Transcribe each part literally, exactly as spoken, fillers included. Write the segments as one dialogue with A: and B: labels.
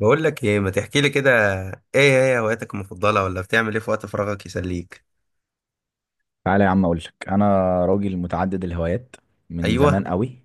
A: بقول لك ايه، ما تحكي لي كده؟ ايه هي هواياتك المفضله، ولا بتعمل ايه في وقت فراغك يسليك؟
B: تعالى يا عم، اقول لك انا راجل متعدد الهوايات من زمان
A: ايوه،
B: قوي.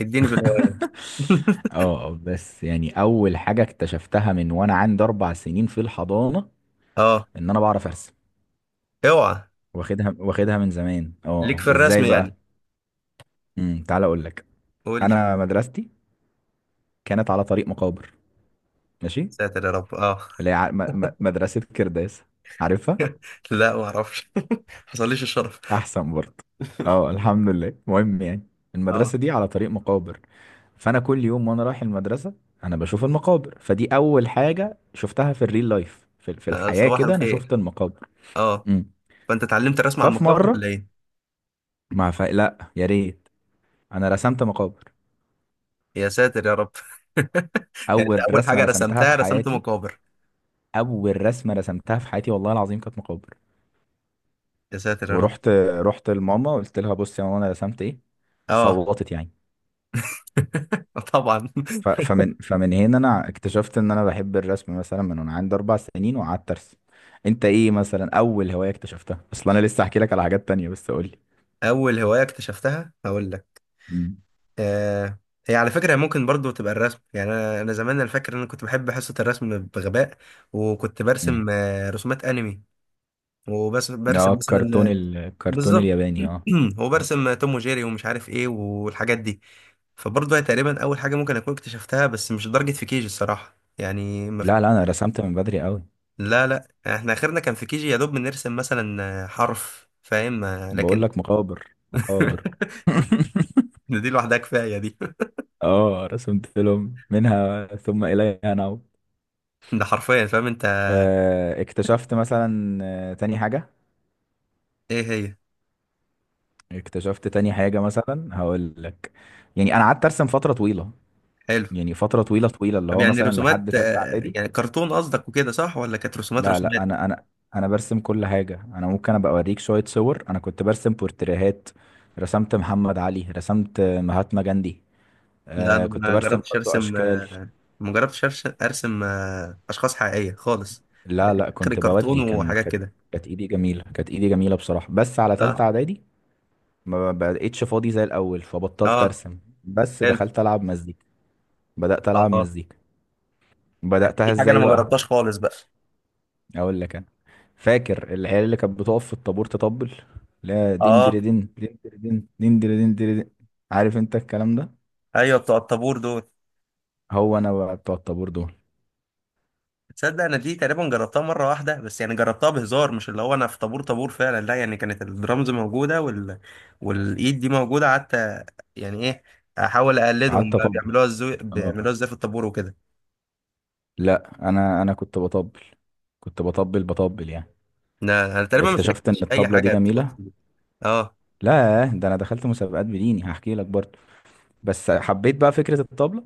A: اديني في الهوايات.
B: اه، بس يعني اول حاجه اكتشفتها من وانا عندي اربع سنين في الحضانه،
A: اه.
B: ان انا بعرف ارسم.
A: اوعى.
B: واخدها واخدها من زمان. اه
A: ليك
B: آه.
A: في الرسم
B: ازاي بقى؟
A: يعني؟
B: امم تعالى اقول لك.
A: قول لي.
B: انا مدرستي كانت على طريق مقابر، ماشي.
A: ساتر يا رب، اه.
B: اللي هي ع- م- م- مدرسه كرداس، عارفها؟
A: لا، ما اعرفش. حصليش الشرف.
B: احسن برضه. اه، الحمد لله. المهم يعني،
A: اه،
B: المدرسه دي على طريق مقابر. فانا كل يوم وانا رايح المدرسه انا بشوف المقابر. فدي اول حاجه شفتها في الريل لايف، في, في
A: آه،
B: الحياه
A: صباح
B: كده انا
A: الخير.
B: شفت المقابر.
A: اه.
B: امم
A: فانت اتعلمت الرسم على
B: ففي
A: المقابر
B: مره
A: ولا ايه؟
B: ما ف... لا يا ريت، انا رسمت مقابر.
A: يا ساتر يا رب. يعني انت
B: اول
A: اول
B: رسمه
A: حاجه
B: رسمتها في
A: رسمتها رسمت
B: حياتي،
A: مقابر؟
B: اول رسمه رسمتها في حياتي والله العظيم كانت مقابر.
A: يا ساتر يا رب.
B: ورحت رحت لماما، قلت لها: بصي يا ماما، انا رسمت ايه.
A: اه.
B: صوتت يعني.
A: طبعا.
B: ف- فمن فمن هنا انا اكتشفت ان انا بحب الرسم، مثلا من وانا عندي اربع سنين وقعدت ارسم. انت ايه مثلا اول هواية اكتشفتها اصلا؟ انا لسه هحكي لك على حاجات تانية، بس قول لي.
A: اول هوايه اكتشفتها هقول لك.
B: مم.
A: آه. هي على فكرة ممكن برضو تبقى الرسم، يعني أنا أنا زمان، أنا فاكر إن أنا كنت بحب حصة الرسم بغباء. وكنت
B: مم.
A: برسم آه، رسومات أنمي. وبس
B: اه،
A: برسم مثلا
B: الكرتون
A: آه،
B: ال- الكرتون
A: بالظبط.
B: الياباني، اه. آه.
A: وبرسم آه، توم وجيري ومش عارف إيه والحاجات دي. فبرضو هي تقريبا أول حاجة ممكن أكون اكتشفتها، بس مش لدرجة في كيجي الصراحة، يعني مف...
B: لا لا، انا رسمت من بدري قوي.
A: لا لا، إحنا آخرنا كان في كيجي، يا دوب بنرسم مثلا آه، حرف، فاهم؟ آه،
B: بقول
A: لكن.
B: لك: مقابر، مقابر.
A: ده، دي لوحدها كفاية دي.
B: اه، رسمت لهم. منها ثم اليها نعود.
A: ده حرفيا، فاهم أنت؟
B: آه، اكتشفت مثلا آه، تاني حاجة.
A: إيه هي؟
B: اكتشفت تاني حاجة مثلا، هقول لك. يعني انا قعدت ارسم فترة طويلة.
A: حلو.
B: يعني فترة طويلة طويلة، اللي
A: طب
B: هو
A: يعني
B: مثلا لحد
A: رسومات
B: تالتة
A: آه،
B: إعدادي.
A: يعني كرتون قصدك وكده صح، ولا كانت رسومات
B: لا لا،
A: رسومات؟
B: أنا أنا أنا برسم كل حاجة. أنا ممكن أبقى أوريك شوية صور. أنا كنت برسم بورتريهات. رسمت محمد علي، رسمت مهاتما جاندي.
A: لا،
B: آه،
A: انا
B: كنت
A: ما
B: برسم
A: جربتش
B: برضو
A: ارسم
B: أشكال.
A: آه، ما جربتش أرش- ارسم آه، اشخاص حقيقيه خالص.
B: لا لا،
A: اخر
B: كنت بودي
A: كرتون
B: كان
A: وحاجات
B: كانت
A: كده.
B: كانت إيدي جميلة، كانت إيدي جميلة بصراحة. بس على تالتة
A: اه.
B: إعدادي ما بقتش فاضي زي الأول، فبطلت
A: اه.
B: أرسم بس
A: حلو.
B: دخلت ألعب مزيكا. بدأت
A: اه،
B: ألعب
A: آه.
B: مزيكا.
A: دي
B: بدأتها
A: حاجه انا
B: إزاي
A: ما
B: بقى؟
A: جربتهاش خالص بقى.
B: اقول لك انا. فاكر العيال اللي كانت بتقف في الطابور تطبل؟ لا، دين
A: اه.
B: دين دين دين، دين دين دين دين. عارف انت الكلام ده؟
A: ايوه، بتوع الطابور دول.
B: هو انا بقى بتوع الطابور دول.
A: تصدق، انا دي تقريبا جربتها مره واحده، بس يعني جربتها بهزار، مش اللي هو انا في طابور طابور فعلا، لا يعني كانت الدرامز موجوده وال... والايد دي موجوده، قعدت. يعني ايه؟ احاول اقلدهم
B: قعدت
A: بقى،
B: اطبل،
A: بيعملوها ازاي،
B: اه.
A: بيعملوها ازاي في الطابور وكده.
B: لا، انا انا كنت بطبل. كنت بطبل بطبل يعني.
A: انا أنا تقريبا ما
B: اكتشفت ان
A: شاركتش اي
B: الطبلة دي
A: حاجه تخص
B: جميلة.
A: دي. اه.
B: لا ده انا دخلت مسابقات، بديني هحكي لك برضه. بس حبيت بقى فكرة الطبلة.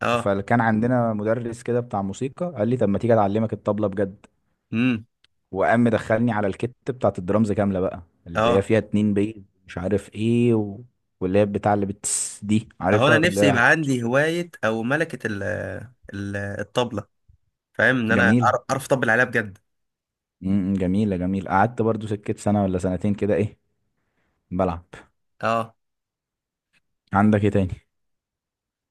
A: اه.
B: فكان عندنا مدرس كده بتاع موسيقى قال لي: طب ما تيجي اتعلمك الطبلة بجد.
A: امم.
B: وقام مدخلني على الكت بتاعت الدرامز كاملة بقى، اللي
A: اه.
B: هي فيها اتنين بيز، مش عارف ايه و... واللي هي بتاع اللي بتس دي،
A: اهو، انا
B: عارفها اللي
A: نفسي
B: هي...
A: يبقى عندي هوايه او ملكه ال... ال- الطبله. فاهم ان انا أعرف
B: جميلة.
A: أعرف اطبل عليها بجد.
B: امم جميلة جميلة، قعدت برضو سكة سنة ولا سنتين كده ايه، بلعب.
A: اه.
B: عندك ايه تاني؟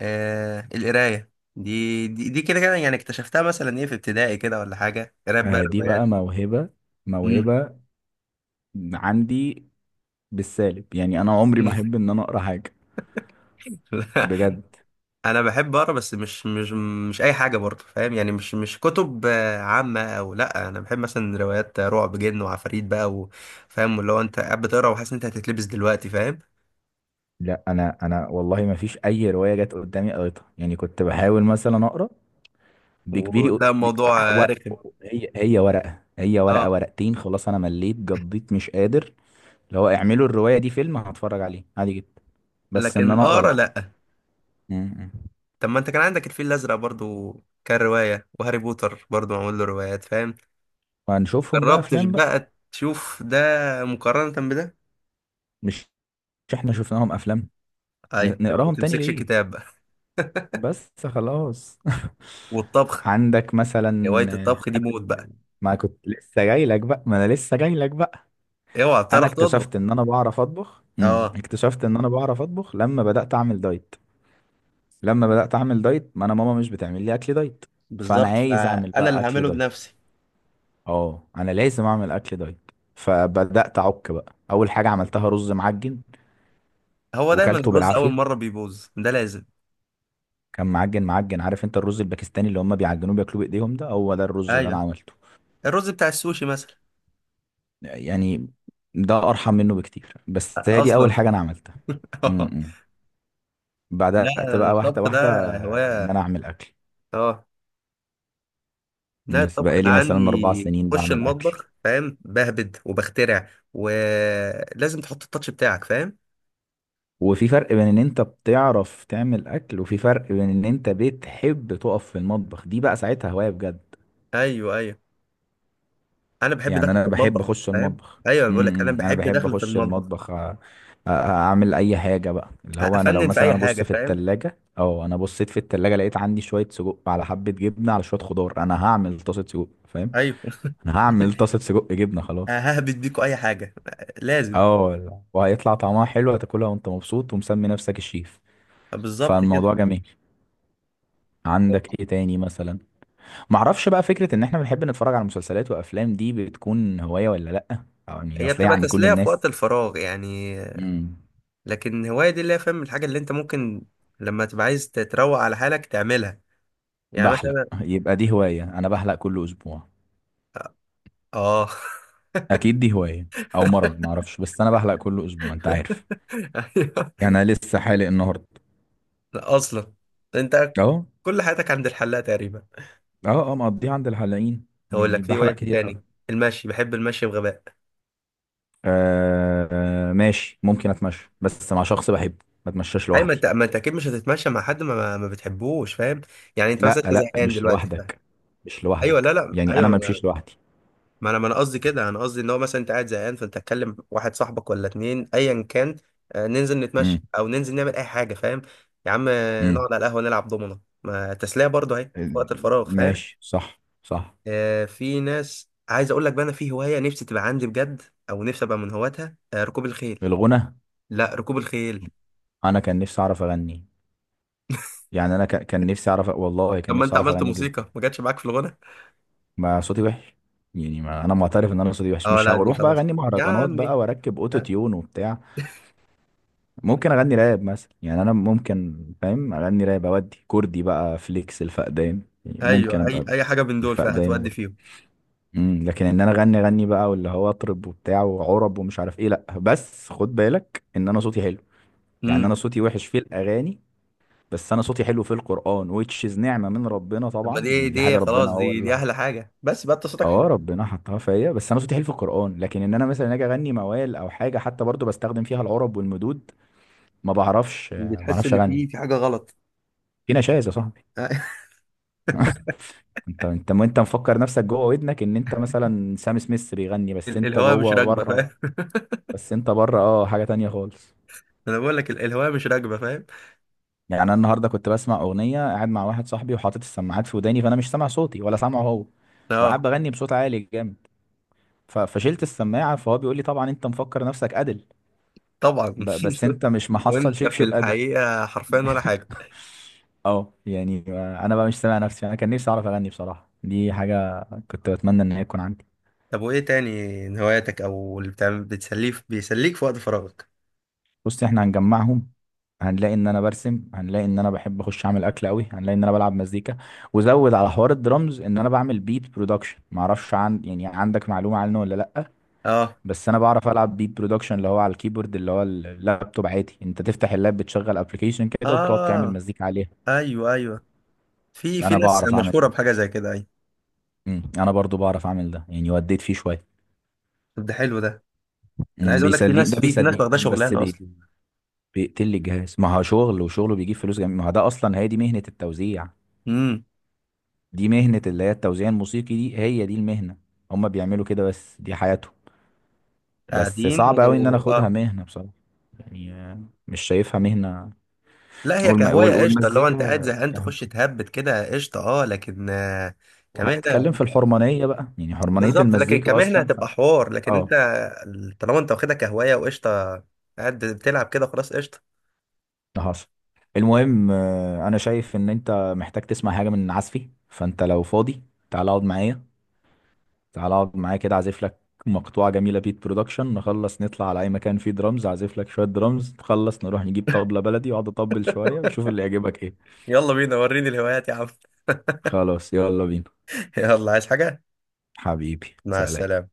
A: آه، القراية دي دي, دي كده كده، يعني اكتشفتها مثلا ايه، في ابتدائي كده ولا حاجة، قراية بقى
B: آه دي
A: الروايات.
B: بقى موهبة.
A: مم.
B: موهبة عندي بالسالب، يعني انا عمري ما احب ان انا اقرا حاجة. بجد.
A: انا بحب اقرا، بس مش مش. مش اي حاجة برضه، فاهم يعني؟ مش مش كتب آه، عامة، او لا، انا بحب مثلا روايات رعب، جن وعفاريت بقى، وفاهم اللي هو انت قاعد بتقرا وحاسس ان انت هتتلبس دلوقتي، فاهم؟
B: لا، انا انا والله ما فيش اي رواية جت قدامي قريتها، يعني كنت بحاول مثلا اقرا بكبيري و...
A: وتلاقي الموضوع
B: و...
A: آه، رخم.
B: هي هي ورقة، هي ورقة
A: اه.
B: ورقتين، خلاص انا مليت قضيت مش قادر. اللي هو اعملوا الرواية دي فيلم، هتفرج عليه عادي جدا. بس ان
A: لكن
B: انا اقرا،
A: اقرا،
B: لا.
A: لا.
B: م-م.
A: طب ما انت كان عندك الفيل الازرق برضه. كان رواية، وهاري بوتر برضه معمول له روايات، فاهم؟
B: وهنشوفهم بقى
A: جربتش
B: افلام بقى.
A: بقى تشوف ده؟ مقارنة بده.
B: مش مش احنا شفناهم افلام؟
A: ايوه،
B: ن-
A: يبقى ما
B: نقراهم تاني
A: تمسكش
B: ليه؟
A: الكتاب بقى.
B: بس خلاص.
A: والطبخ.
B: عندك مثلا؟
A: هواية الطبخ دي
B: بعد
A: موت
B: ال...
A: بقى.
B: ما كنت لسه جاي لك بقى ما انا لسه جاي لك بقى.
A: اوعى،
B: انا
A: بتعرف تطبخ؟
B: اكتشفت ان انا بعرف اطبخ. م.
A: اه.
B: اكتشفت ان انا بعرف اطبخ لما بدأت اعمل دايت. لما بدأت أعمل دايت، ما أنا ماما مش بتعمل لي أكل دايت، فأنا
A: بالظبط،
B: عايز أعمل
A: فانا
B: بقى
A: اللي
B: أكل
A: هعمله
B: دايت.
A: بنفسي.
B: أه، أنا لازم أعمل أكل دايت، فبدأت أعك بقى. أول حاجة عملتها رز معجن،
A: هو دايما
B: وكلته
A: الرز اول
B: بالعافية.
A: مرة بيبوظ ده، لازم.
B: كان معجن معجن. عارف أنت الرز الباكستاني اللي هم بيعجنوه بياكلوه بإيديهم؟ ده هو ده الرز اللي أنا
A: ايوه.
B: عملته.
A: الرز بتاع السوشي مثلا.
B: يعني ده أرحم منه بكتير، بس هي دي
A: اصلا.
B: أول حاجة أنا عملتها. امم إمم.
A: لا.
B: بدأت بقى واحدة
A: الطبخ ده
B: واحدة، إن
A: هواية.
B: أنا أعمل أكل.
A: اه. لا،
B: بس
A: الطبخ
B: بقالي
A: انا
B: مثلا أربع
A: عندي
B: سنين
A: بخش
B: بعمل أكل.
A: المطبخ، فاهم؟ بهبد وبخترع، ولازم تحط التاتش بتاعك، فاهم؟
B: وفي فرق بين ان انت بتعرف تعمل اكل، وفي فرق بين ان انت بتحب تقف في المطبخ، دي بقى ساعتها هواية بجد.
A: ايوه، ايوه. انا بحب
B: يعني
A: دخل
B: انا
A: في
B: بحب
A: المطبخ،
B: اخش
A: فاهم؟
B: المطبخ.
A: ايوه، أنا
B: امم
A: بقول لك انا
B: إمم. انا
A: بحب
B: بحب
A: دخل في
B: اخش
A: المطبخ.
B: المطبخ، أ- أ- اعمل اي حاجة بقى. اللي هو انا لو
A: افنن في
B: مثلا
A: اي
B: انا
A: حاجه،
B: بص في
A: فاهم؟
B: التلاجة او انا بصيت في التلاجة لقيت عندي شوية سجق على حبة جبنة على شوية خضار، انا هعمل طاسة سجق، فاهم؟
A: ايوه.
B: انا هعمل طاسة سجق جبنة، خلاص.
A: ههبد، بيكوا اي حاجه. لازم.
B: اه، وهيطلع طعمها حلو، هتاكلها وانت مبسوط ومسمي نفسك الشيف.
A: بالظبط
B: فالموضوع
A: كده.
B: جميل. عندك ايه تاني مثلا؟ معرفش بقى، فكرة ان احنا بنحب نتفرج على مسلسلات وافلام، دي بتكون هواية ولا لأ؟ او يعني
A: هي
B: اصل هي
A: بتبقى
B: عند كل
A: تسليه في وقت
B: الناس.
A: الفراغ يعني.
B: امم
A: لكن هوايه دي، اللي هي فاهم الحاجه اللي انت ممكن لما تبقى عايز تتروق على حالك تعملها. يعني
B: بحلق
A: مثلا.
B: يبقى دي هواية، انا بحلق كل اسبوع.
A: اه.
B: اكيد دي هواية، او مرض معرفش، بس انا بحلق كل اسبوع، انت عارف.
A: ايوه.
B: يعني انا لسه حالق النهاردة.
A: لا، اصلا انت
B: اهو.
A: كل حياتك عند الحلاق تقريبا.
B: اه، اه، مقضيه عند الحلاقين.
A: هقول
B: يعني
A: لك في
B: بحلق
A: هوايه إيه
B: كتير
A: تاني.
B: قوي.
A: المشي، بحب المشي بغباء.
B: آه، آه، ماشي ممكن اتمشى بس مع شخص بحبه. ما اتمشاش
A: ايوه، ما
B: لوحدي.
A: انت ما انت اكيد مش هتتمشى مع حد ما ما ما بتحبوش، فاهم؟ يعني انت مثلا،
B: لا
A: انت
B: لا،
A: زهقان
B: مش
A: دلوقتي، فاهم؟
B: لوحدك. مش
A: ايوه،
B: لوحدك،
A: لا لا،
B: يعني انا
A: ايوه.
B: ما بمشيش لوحدي.
A: ما انا ما انا قصدي كده، انا قصدي ان هو مثلا انت قاعد زهقان فانت تكلم واحد صاحبك ولا اتنين ايا كان. آه، ننزل نتمشى او ننزل نعمل اي حاجه، فاهم؟ يا عم، آه،
B: امم
A: نقعد على القهوه نلعب دومنه، ما تسليه برضه اهي في وقت الفراغ، فاهم؟
B: ماشي، صح صح.
A: آه، في ناس، عايز اقول لك بقى، انا في هوايه نفسي تبقى عندي بجد، او نفسي ابقى من هواتها آه، ركوب الخيل.
B: الغنى.
A: لا، ركوب الخيل.
B: انا كان نفسي اعرف اغني. يعني انا ك- كان نفسي اعرف، والله
A: طب
B: كان
A: ما
B: نفسي
A: انت
B: اعرف
A: عملت
B: اغني جدا.
A: موسيقى، ما جاتش معاك في الغنى؟
B: ما صوتي وحش. يعني ما انا معترف ان انا صوتي وحش،
A: اه،
B: مش
A: لا، دي
B: هروح بقى
A: خلاص.
B: اغني
A: يا
B: مهرجانات
A: عمي.
B: بقى واركب
A: أ-
B: اوتو تيون وبتاع. ممكن اغني راب مثلا، يعني انا ممكن فاهم اغني راب، اودي كردي بقى فليكس الفقدان، يعني ممكن
A: ايوه، اي
B: ابقى
A: اي حاجه من دول
B: الفقدان
A: فهتودي
B: برضه.
A: فيهم.
B: امم لكن ان انا اغني اغني بقى، واللي هو اطرب وبتاع وعرب ومش عارف ايه، لا. بس خد بالك ان انا صوتي حلو. يعني انا
A: امم.
B: صوتي وحش في الاغاني، بس انا صوتي حلو في القرآن, which is نعمة من ربنا
A: طب ما
B: طبعا،
A: دي
B: يعني دي حاجة
A: دي
B: ربنا
A: خلاص،
B: هو
A: دي دي
B: اللي...
A: احلى حاجه، بس بقى انت صوتك حلو.
B: اه، ربنا حطها فيا. بس انا صوتي حلو في القرآن، لكن ان انا مثلا اجي اغني موال او حاجة حتى برضو بستخدم فيها العرب والمدود، ما بعرفش، ما
A: بتحس
B: بعرفش
A: ان
B: اغني.
A: في في حاجه غلط؟
B: في نشاز يا صاحبي. انت انت انت مفكر نفسك جوه ودنك ان انت مثلا سام سميث بيغني، بس
A: ال-
B: انت
A: الهواء مش
B: جوه
A: راكبه، فاهم؟
B: بره. بس انت بره، اه حاجة تانية خالص.
A: انا بقول لك ال- الهواء مش راكبه، فاهم؟
B: يعني انا النهارده كنت بسمع اغنية قاعد مع واحد صاحبي، وحاطط السماعات في وداني، فانا مش سامع صوتي ولا سامعه هو، وقاعد
A: اه،
B: بغني بصوت عالي جامد. ف- فشلت السماعه، فهو بيقول لي: طبعا انت مفكر نفسك ادل،
A: طبعا.
B: ب- بس انت مش محصل
A: وانت في
B: شبشب ادل.
A: الحقيقه حرفيا ولا حاجه.
B: اه يعني، انا بقى مش سامع نفسي. انا كان نفسي اعرف اغني بصراحه، دي حاجه كنت بتمنى ان هي تكون عندي.
A: طب وايه تاني؟ من هواياتك او اللي بتعمل بتسليه، في- بيسليك في وقت فراغك؟
B: بص، احنا هنجمعهم. هنلاقي ان انا برسم، هنلاقي ان انا بحب اخش اعمل اكل قوي، هنلاقي ان انا بلعب مزيكا. وزود على حوار الدرامز، ان انا بعمل بيت برودكشن، معرفش عن، يعني عندك معلومه عنه ولا لا؟
A: اه.
B: بس انا بعرف العب بيت برودكشن، اللي هو على الكيبورد، اللي هو اللابتوب عادي، انت تفتح اللاب بتشغل ابلكيشن كده وبتقعد تعمل
A: اه.
B: مزيكا عليها.
A: ايوه، ايوه. في في
B: انا
A: ناس
B: بعرف اعمل
A: مشهوره
B: ده.
A: بحاجه زي كده، ايوه.
B: امم انا برضو بعرف اعمل ده، يعني وديت فيه شويه.
A: طب ده حلو ده. انا
B: امم
A: عايز اقول لك في
B: بيسليني
A: ناس،
B: ده،
A: في في ناس
B: بيسليني
A: واخده
B: بس
A: شغلانه
B: بي...
A: اصلا.
B: بي- بيقتل لي الجهاز. ما هو شغل، وشغله بيجيب فلوس جميل. ما هو ده اصلا هي دي مهنه التوزيع.
A: امم.
B: دي مهنه، اللي هي التوزيع الموسيقي، دي هي دي المهنه. هما بيعملوا كده، بس دي حياتهم. بس
A: قاعدين
B: صعب قوي ان انا
A: و...
B: اخدها
A: اه.
B: مهنه بصراحه. يعني آه، مش شايفها مهنه.
A: لا، هي
B: والم... وال...
A: كهوايه قشطه، اللي هو انت قاعد
B: والمزيكا
A: زهقان
B: كهو-
A: تخش تهبد كده قشطه، اه لكن آه، كمهنه.
B: وهنتكلم في الحرمانيه بقى، يعني حرمانيه
A: بالظبط، لكن
B: المزيكا
A: كمهنه
B: اصلا ف...
A: هتبقى حوار، لكن انت
B: اه،
A: طالما انت واخدها كهوايه وقشطه، قاعد بتلعب كده خلاص قشطه.
B: حصل. المهم آه، انا شايف ان انت محتاج تسمع حاجه من عزفي، فانت لو فاضي تعال اقعد معايا. تعال اقعد معايا كده اعزف لك مقطوعه جميله بيت برودكشن، نخلص نطلع على اي مكان فيه درامز اعزف لك شويه درامز، نخلص نروح نجيب طبله بلدي واقعد اطبل شويه وشوف اللي يعجبك ايه.
A: يلا بينا، وريني الهوايات يا عم.
B: خلاص يلا بينا.
A: يلا، عايز حاجه؟
B: حبيبي،
A: مع
B: سلام.
A: السلامه.